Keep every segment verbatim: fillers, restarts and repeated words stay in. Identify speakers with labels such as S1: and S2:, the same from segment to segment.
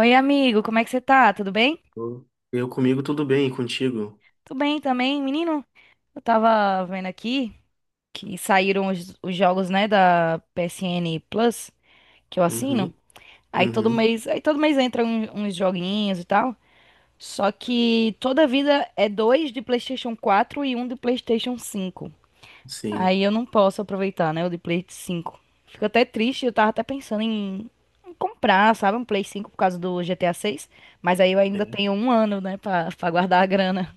S1: Oi, amigo, como é que você tá? Tudo bem?
S2: Eu eu comigo tudo bem, e contigo?
S1: Tudo bem também, menino. Eu tava vendo aqui que saíram os, os jogos, né, da P S N Plus, que eu assino.
S2: Uhum,
S1: Aí todo
S2: uhum,
S1: mês, aí todo mês entram um- uns joguinhos e tal. Só que toda vida é dois de PlayStation quatro e um de PlayStation cinco.
S2: sim.
S1: Aí eu não posso aproveitar, né, o de Play cinco. Fico até triste, eu tava até pensando em em comprar, sabe, um Play cinco por causa do G T A seis, mas aí eu ainda
S2: É,
S1: tenho um ano, né, pra, pra guardar a grana.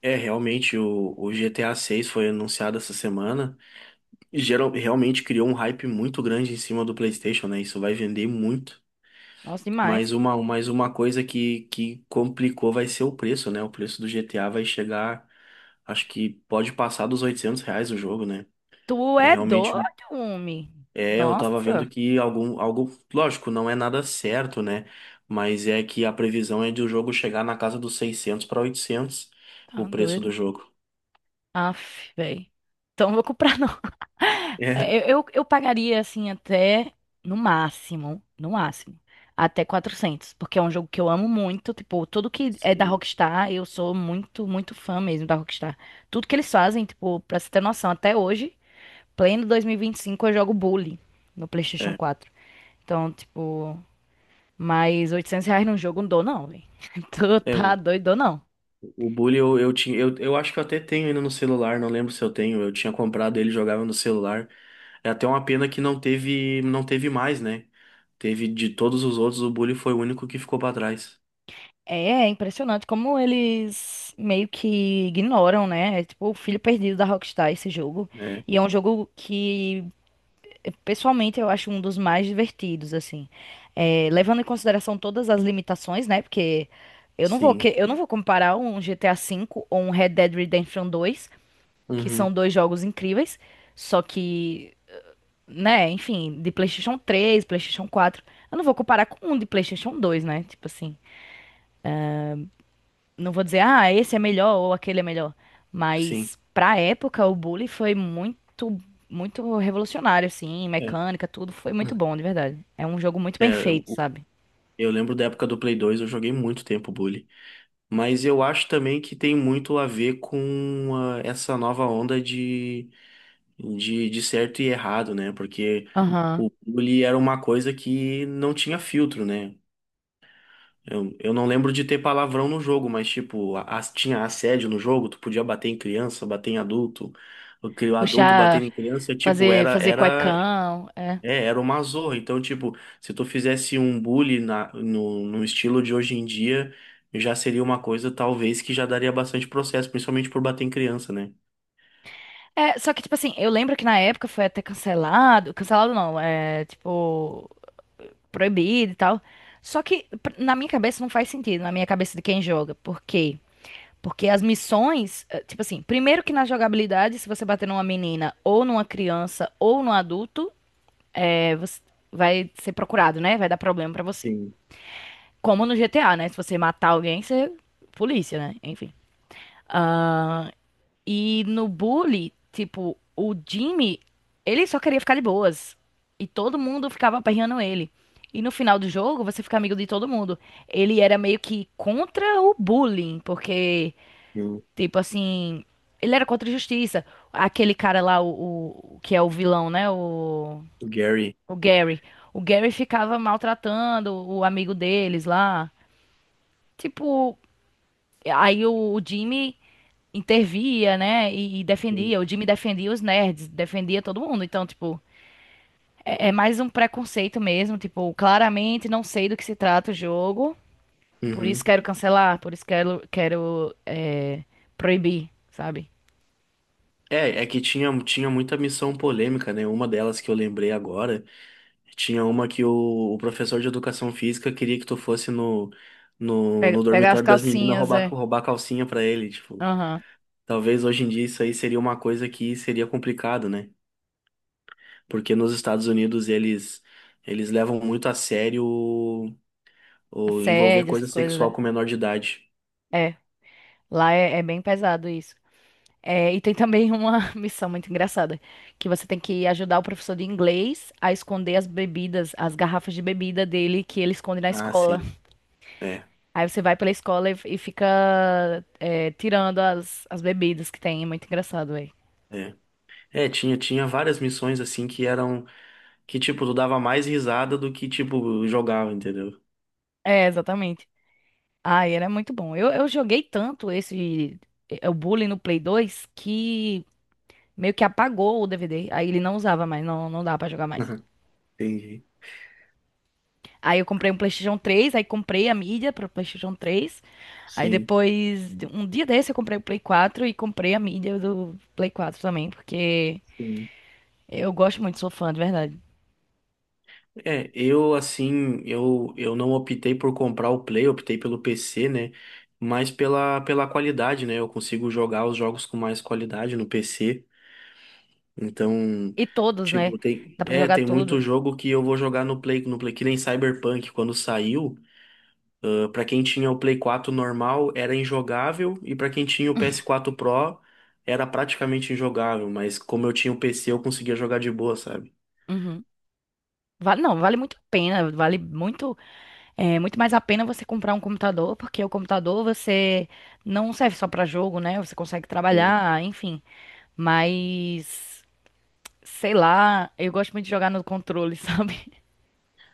S2: é, realmente, o, o GTA seis foi anunciado essa semana e geral, realmente criou um hype muito grande em cima do PlayStation, né? Isso vai vender muito.
S1: Nossa,
S2: Mas
S1: demais.
S2: uma, mas uma coisa que, que complicou vai ser o preço, né? O preço do G T A vai chegar, acho que pode passar dos oitocentos reais o jogo, né?
S1: Tu
S2: É
S1: é
S2: realmente.
S1: doido, homem.
S2: É, eu tava vendo
S1: Nossa,
S2: que algum, algo, lógico, não é nada certo, né? Mas é que a previsão é de o jogo chegar na casa dos seiscentos para oitocentos
S1: tá
S2: o preço do
S1: doido.
S2: jogo.
S1: Aff, velho. Então não vou comprar, não.
S2: É,
S1: Eu, eu, eu pagaria, assim, até no máximo, no máximo, até quatrocentos, porque é um jogo que eu amo muito. Tipo, tudo que é da
S2: sim.
S1: Rockstar, eu sou muito, muito fã mesmo da Rockstar. Tudo que eles fazem, tipo, pra você ter noção, até hoje, pleno dois mil e vinte e cinco eu jogo Bully no PlayStation quatro. Então, tipo. Mas oitocentos reais num jogo não dou, não, velho. Tu
S2: É,
S1: tá
S2: o,
S1: doido, dou não.
S2: o Bully eu, eu tinha, eu, eu acho que eu até tenho ainda no celular, não lembro se eu tenho, eu tinha comprado ele, jogava no celular. É até uma pena que não teve, não teve mais, né? Teve de todos os outros, o Bully foi o único que ficou pra trás.
S1: É, é impressionante como eles meio que ignoram, né? É tipo o filho perdido da Rockstar esse jogo.
S2: É,
S1: E é um jogo que, pessoalmente, eu acho um dos mais divertidos, assim. É, levando em consideração todas as limitações, né? Porque eu não vou,
S2: sim.
S1: que- eu não vou comparar um G T A V ou um Red Dead Redemption dois, que são
S2: Uhum,
S1: dois jogos incríveis, só que né? Enfim, de PlayStation três, PlayStation quatro, eu não vou comparar com um de PlayStation dois, né? Tipo assim, não vou dizer, ah, esse é melhor ou aquele é melhor.
S2: sim.
S1: Mas pra época, o Bully foi muito, muito revolucionário, assim,
S2: É,
S1: mecânica, tudo. Foi muito bom, de verdade. É um jogo muito bem
S2: é,
S1: feito, sabe?
S2: eu lembro da época do Play dois, eu joguei muito tempo Bully. Mas eu acho também que tem muito a ver com ah, essa nova onda de, de, de certo e errado, né? Porque
S1: Aham.
S2: o Bully era uma coisa que não tinha filtro, né? Eu, eu não lembro de ter palavrão no jogo, mas tipo, a- tinha assédio no jogo, tu podia bater em criança, bater em adulto, o cri- o adulto batendo
S1: Puxar,
S2: em criança, tipo,
S1: fazer,
S2: era,
S1: fazer
S2: era
S1: cuecão, é.
S2: é, era uma zorra. Então, tipo, se tu fizesse um bullying na, no, no estilo de hoje em dia, já seria uma coisa, talvez, que já daria bastante processo, principalmente por bater em criança, né?
S1: É, só que, tipo assim, eu lembro que na época foi até cancelado. Cancelado não, é, tipo proibido e tal. Só que pr- na minha cabeça não faz sentido, na minha cabeça de quem joga. Por quê? Porque as missões, eh, tipo assim, primeiro que na jogabilidade, se você bater numa menina ou numa criança ou num adulto, eh, você vai ser procurado, né? Vai dar problema pra você.
S2: Sim,
S1: Como no G T A, né? Se você matar alguém, você é polícia, né? Enfim. Ah, e no bully, tipo, o Jimmy, ele só queria ficar de boas. E todo mundo ficava aperreando ele. E no final do jogo, você fica amigo de todo mundo. Ele era meio que contra o bullying, porque,
S2: sim.
S1: tipo assim, ele era contra a justiça. Aquele cara lá, o, o- que é o vilão, né? O,
S2: O Gary.
S1: o Gary. O Gary ficava maltratando o amigo deles lá. Tipo, aí o o Jimmy intervia, né? E, e
S2: Sim.
S1: defendia. O Jimmy defendia os nerds, defendia todo mundo. Então, tipo, é, é mais um preconceito mesmo. Tipo, claramente não sei do que se trata o jogo. Por isso
S2: Uhum.
S1: quero cancelar, por isso quero, quero é, proibir, sabe?
S2: É, é que tinha, tinha muita missão polêmica, né? Uma delas que eu lembrei agora, tinha uma que o, o professor de educação física queria que tu fosse no, no,
S1: Pe-
S2: no
S1: Pegar as
S2: dormitório das meninas
S1: calcinhas,
S2: roubar,
S1: é.
S2: roubar calcinha pra ele, tipo.
S1: Aham.
S2: Talvez hoje em dia isso aí seria uma coisa que seria complicado, né? Porque nos Estados Unidos eles eles levam muito a sério o, o envolver
S1: Assédio,
S2: coisa
S1: essas coisas,
S2: sexual
S1: é.
S2: com menor de idade.
S1: É. Lá é, é bem pesado isso. É, e tem também uma missão muito engraçada, que você tem que ajudar o professor de inglês a esconder as bebidas, as garrafas de bebida dele que ele esconde na
S2: Ah,
S1: escola.
S2: sim. É,
S1: Aí você vai pela escola e, e fica é, tirando as, as bebidas que tem. É muito engraçado, velho.
S2: é. É, tinha, tinha várias missões assim que eram que tipo tu dava mais risada do que tipo jogava, entendeu?
S1: É, exatamente. Ah, era muito bom. Eu, eu joguei tanto esse é, o Bully no Play dois que meio que apagou o D V D. Aí ele não usava mais, não, não dá pra jogar mais.
S2: Entendi.
S1: Aí eu comprei um PlayStation três, aí comprei a mídia pro PlayStation três. Aí
S2: Sim.
S1: depois, um dia desse eu comprei o Play quatro e comprei a mídia do Play quatro também, porque
S2: Sim.
S1: eu gosto muito, sou fã, de verdade.
S2: É, eu assim, eu, eu não optei por comprar o Play, optei pelo P C, né? Mas pela, pela qualidade, né? Eu consigo jogar os jogos com mais qualidade no P C. Então,
S1: E todos, né?
S2: tipo, tem,
S1: Dá pra
S2: é,
S1: jogar
S2: tem muito
S1: tudo.
S2: jogo que eu vou jogar no Play, no Play, que nem Cyberpunk, quando saiu, ah, pra quem tinha o Play quatro normal, era injogável, e pra quem tinha o P S quatro Pro, era praticamente injogável, mas como eu tinha o P C, eu conseguia jogar de boa, sabe?
S1: Uhum. Vale, não, vale muito a pena, vale muito, é, muito mais a pena você comprar um computador, porque o computador você não serve só pra jogo, né? Você consegue
S2: Sim.
S1: trabalhar, enfim. Mas, sei lá, eu gosto muito de jogar no controle, sabe?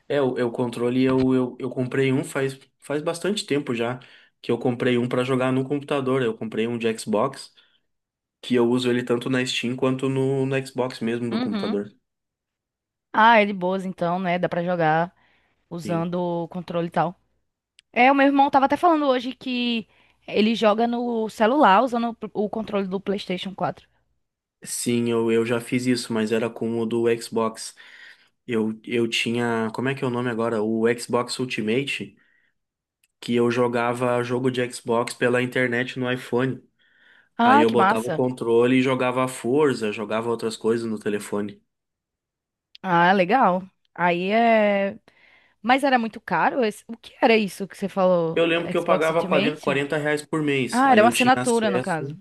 S2: É, o, é, o controle eu, eu, eu comprei um faz, faz bastante tempo já, que eu comprei um pra jogar no computador, eu comprei um de Xbox, que eu uso ele tanto na Steam quanto no, no Xbox mesmo do
S1: Uhum.
S2: computador.
S1: Ah, é de boas então, né? Dá pra jogar
S2: Sim.
S1: usando o controle e tal. É, o meu irmão tava até falando hoje que ele joga no celular usando o o controle do PlayStation quatro.
S2: Sim, eu, eu já fiz isso, mas era com o do Xbox. Eu, eu tinha. Como é que é o nome agora? O Xbox Ultimate, que eu jogava jogo de Xbox pela internet no iPhone. Aí
S1: Ah,
S2: eu
S1: que
S2: botava o
S1: massa.
S2: controle e jogava a Forza, jogava outras coisas no telefone.
S1: Ah, legal. Aí é. Mas era muito caro? esse- O que era isso que você falou?
S2: Eu lembro que eu
S1: Xbox
S2: pagava quarenta
S1: Ultimate?
S2: quarenta reais por mês.
S1: Ah, era
S2: Aí
S1: uma
S2: eu tinha
S1: assinatura, no caso.
S2: acesso.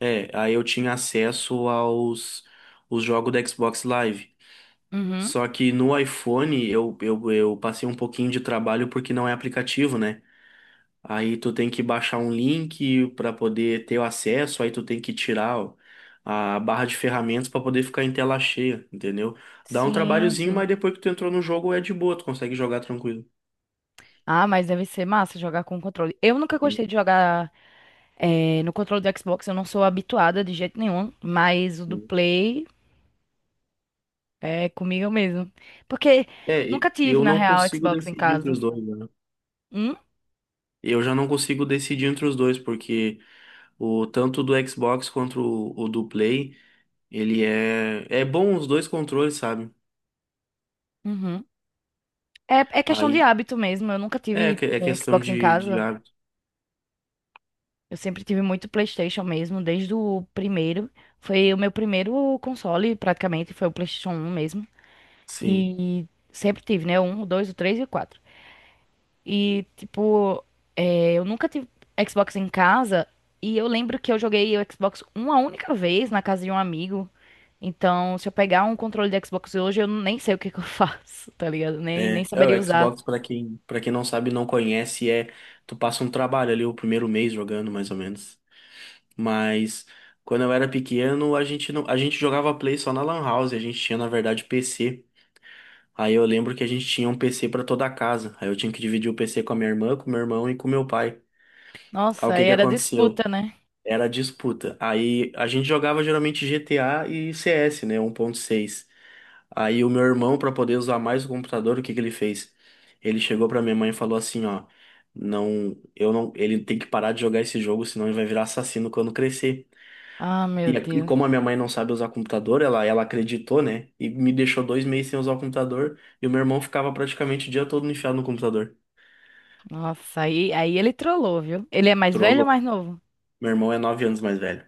S2: É, aí eu tinha acesso aos os jogos do Xbox Live.
S1: Uhum.
S2: Só que no iPhone eu, eu, eu passei um pouquinho de trabalho porque não é aplicativo, né? Aí tu tem que baixar um link para poder ter o acesso, aí tu tem que tirar o- a barra de ferramentas para poder ficar em tela cheia, entendeu? Dá um
S1: Sim,
S2: trabalhozinho,
S1: sim.
S2: mas depois que tu entrou no jogo é de boa, tu consegue jogar tranquilo.
S1: Ah, mas deve ser massa jogar com controle. Eu nunca
S2: Sim,
S1: gostei de jogar eh, no controle do Xbox, eu não sou habituada de jeito nenhum, mas o do
S2: sim.
S1: Play é comigo mesmo. Porque
S2: É,
S1: eu
S2: e-
S1: nunca tive,
S2: eu
S1: na
S2: não
S1: real,
S2: consigo
S1: Xbox em
S2: decidir entre
S1: casa,
S2: os
S1: sabe?
S2: dois, né?
S1: Hum?
S2: Eu já não consigo decidir entre os dois, porque o tanto do Xbox quanto o, o do Play, ele é é bom os dois controles, sabe?
S1: Uhum. É, é questão de
S2: Aí
S1: hábito mesmo. Eu nunca
S2: é,
S1: tive
S2: que- é
S1: eh,
S2: questão
S1: Xbox em
S2: de, de
S1: casa.
S2: hábito.
S1: Eu sempre tive muito PlayStation mesmo, desde o primeiro. Foi o meu primeiro console, praticamente, foi o PlayStation um mesmo.
S2: Sim.
S1: E sempre tive, né? O um, o dois, o três e o quatro. E, tipo, é, eu nunca tive Xbox em casa. E eu lembro que eu joguei o Xbox uma única vez na casa de um amigo. Então, se eu pegar um controle de Xbox hoje, eu nem sei o que que eu faço, tá ligado? Nem, nem
S2: É, é,
S1: saberia
S2: o
S1: usar.
S2: Xbox, pra quem, para quem não sabe, não conhece, é tu passa um trabalho ali o primeiro mês jogando, mais ou menos. Mas quando eu era pequeno, a gente não, a gente jogava Play só na Lan House, a gente tinha na verdade P C. Aí eu lembro que a gente tinha um P C pra toda a casa. Aí eu tinha que dividir o P C com a minha irmã, com meu irmão e com meu pai. Aí
S1: Nossa,
S2: o
S1: aí
S2: que que
S1: era
S2: aconteceu?
S1: disputa, né?
S2: Era disputa. Aí a gente jogava geralmente G T A e C S, né, um ponto seis. Aí o meu irmão, para poder usar mais o computador, o que que ele fez? Ele chegou para minha mãe e falou assim, ó, não, eu não, ele tem que parar de jogar esse jogo, senão ele vai virar assassino quando crescer.
S1: Ah, meu
S2: E, a- e como
S1: Deus.
S2: a minha mãe não sabe usar computador, ela, ela acreditou, né? E me deixou dois meses sem usar o computador, e o meu irmão ficava praticamente o dia todo enfiado no computador.
S1: Nossa, aí, aí ele trollou, viu? Ele é mais velho ou
S2: Trollou.
S1: mais novo?
S2: Meu irmão é nove anos mais velho.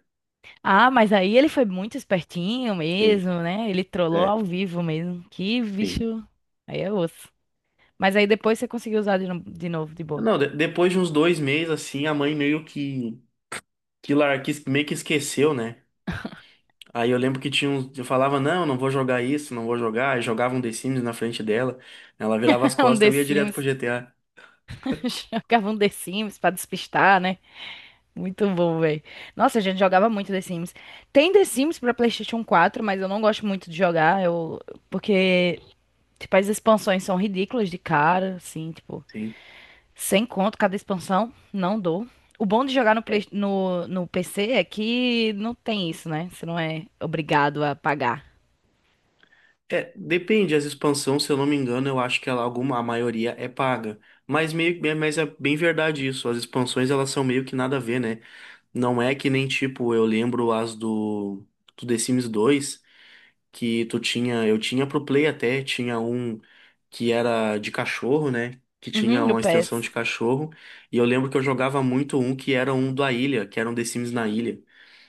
S1: Ah, mas aí ele foi muito espertinho
S2: Sim,
S1: mesmo, né? Ele trollou
S2: é,
S1: ao vivo mesmo. Que
S2: sim.
S1: bicho. Aí é osso. Mas aí depois você conseguiu usar de, no- de novo, de boa.
S2: Não, de- depois de uns dois meses, assim, a mãe meio que, que, lar, que meio que esqueceu, né? Aí eu lembro que tinha uns, eu falava, não, não vou jogar isso, não vou jogar, e jogava um The Sims na frente dela, ela virava as
S1: É um
S2: costas,
S1: The
S2: eu ia direto pro
S1: Sims.
S2: G T A.
S1: Jogava um The Sims pra despistar, né? Muito bom, velho. Nossa, a gente jogava muito The Sims. Tem The Sims pra PlayStation quatro, mas eu não gosto muito de jogar. Eu. Porque, tipo, as expansões são ridículas de cara, assim, tipo,
S2: Sim.
S1: sem conto cada expansão. Não dou. O bom de jogar no,
S2: É,
S1: Play- no, no P C é que não tem isso, né? Você não é obrigado a pagar.
S2: é, depende, as expansões, se eu não me engano, eu acho que ela, alguma, a maioria é paga. Mas, meio, é- mas é bem verdade isso, as expansões elas são meio que nada a ver, né? Não é que nem tipo, eu lembro as do, do The Sims dois, que tu tinha, eu tinha pro Play até, tinha um. Que era de cachorro, né? Que tinha
S1: Uhum, o
S2: uma extensão
S1: PES.
S2: de cachorro. E eu lembro que eu jogava muito um que era um da ilha, que era um The Sims na ilha,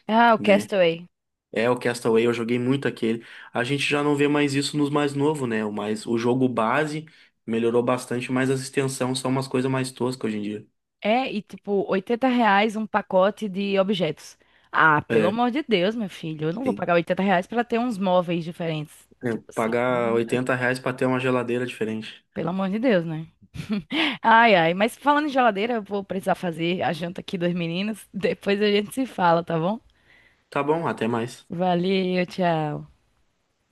S1: Ah, o
S2: né?
S1: Castaway.
S2: É o Castaway, eu joguei muito aquele. A gente já não vê mais isso nos mais novos, né? O mais, o jogo base melhorou bastante, mas as extensões são umas coisas mais toscas hoje em dia.
S1: É, e tipo, oitenta reais um pacote de objetos. Ah, pelo
S2: É,
S1: amor de Deus, meu filho, eu não vou
S2: sim.
S1: pagar oitenta reais pra ter uns móveis diferentes.
S2: É,
S1: Tipo assim, pelo amor
S2: pagar
S1: de Deus.
S2: oitenta reais pra ter uma geladeira diferente.
S1: Pelo amor de Deus, né? Ai, ai, mas falando em geladeira, eu vou precisar fazer a janta aqui dos meninos. Depois a gente se fala, tá bom?
S2: Tá bom, até mais.
S1: Valeu, tchau.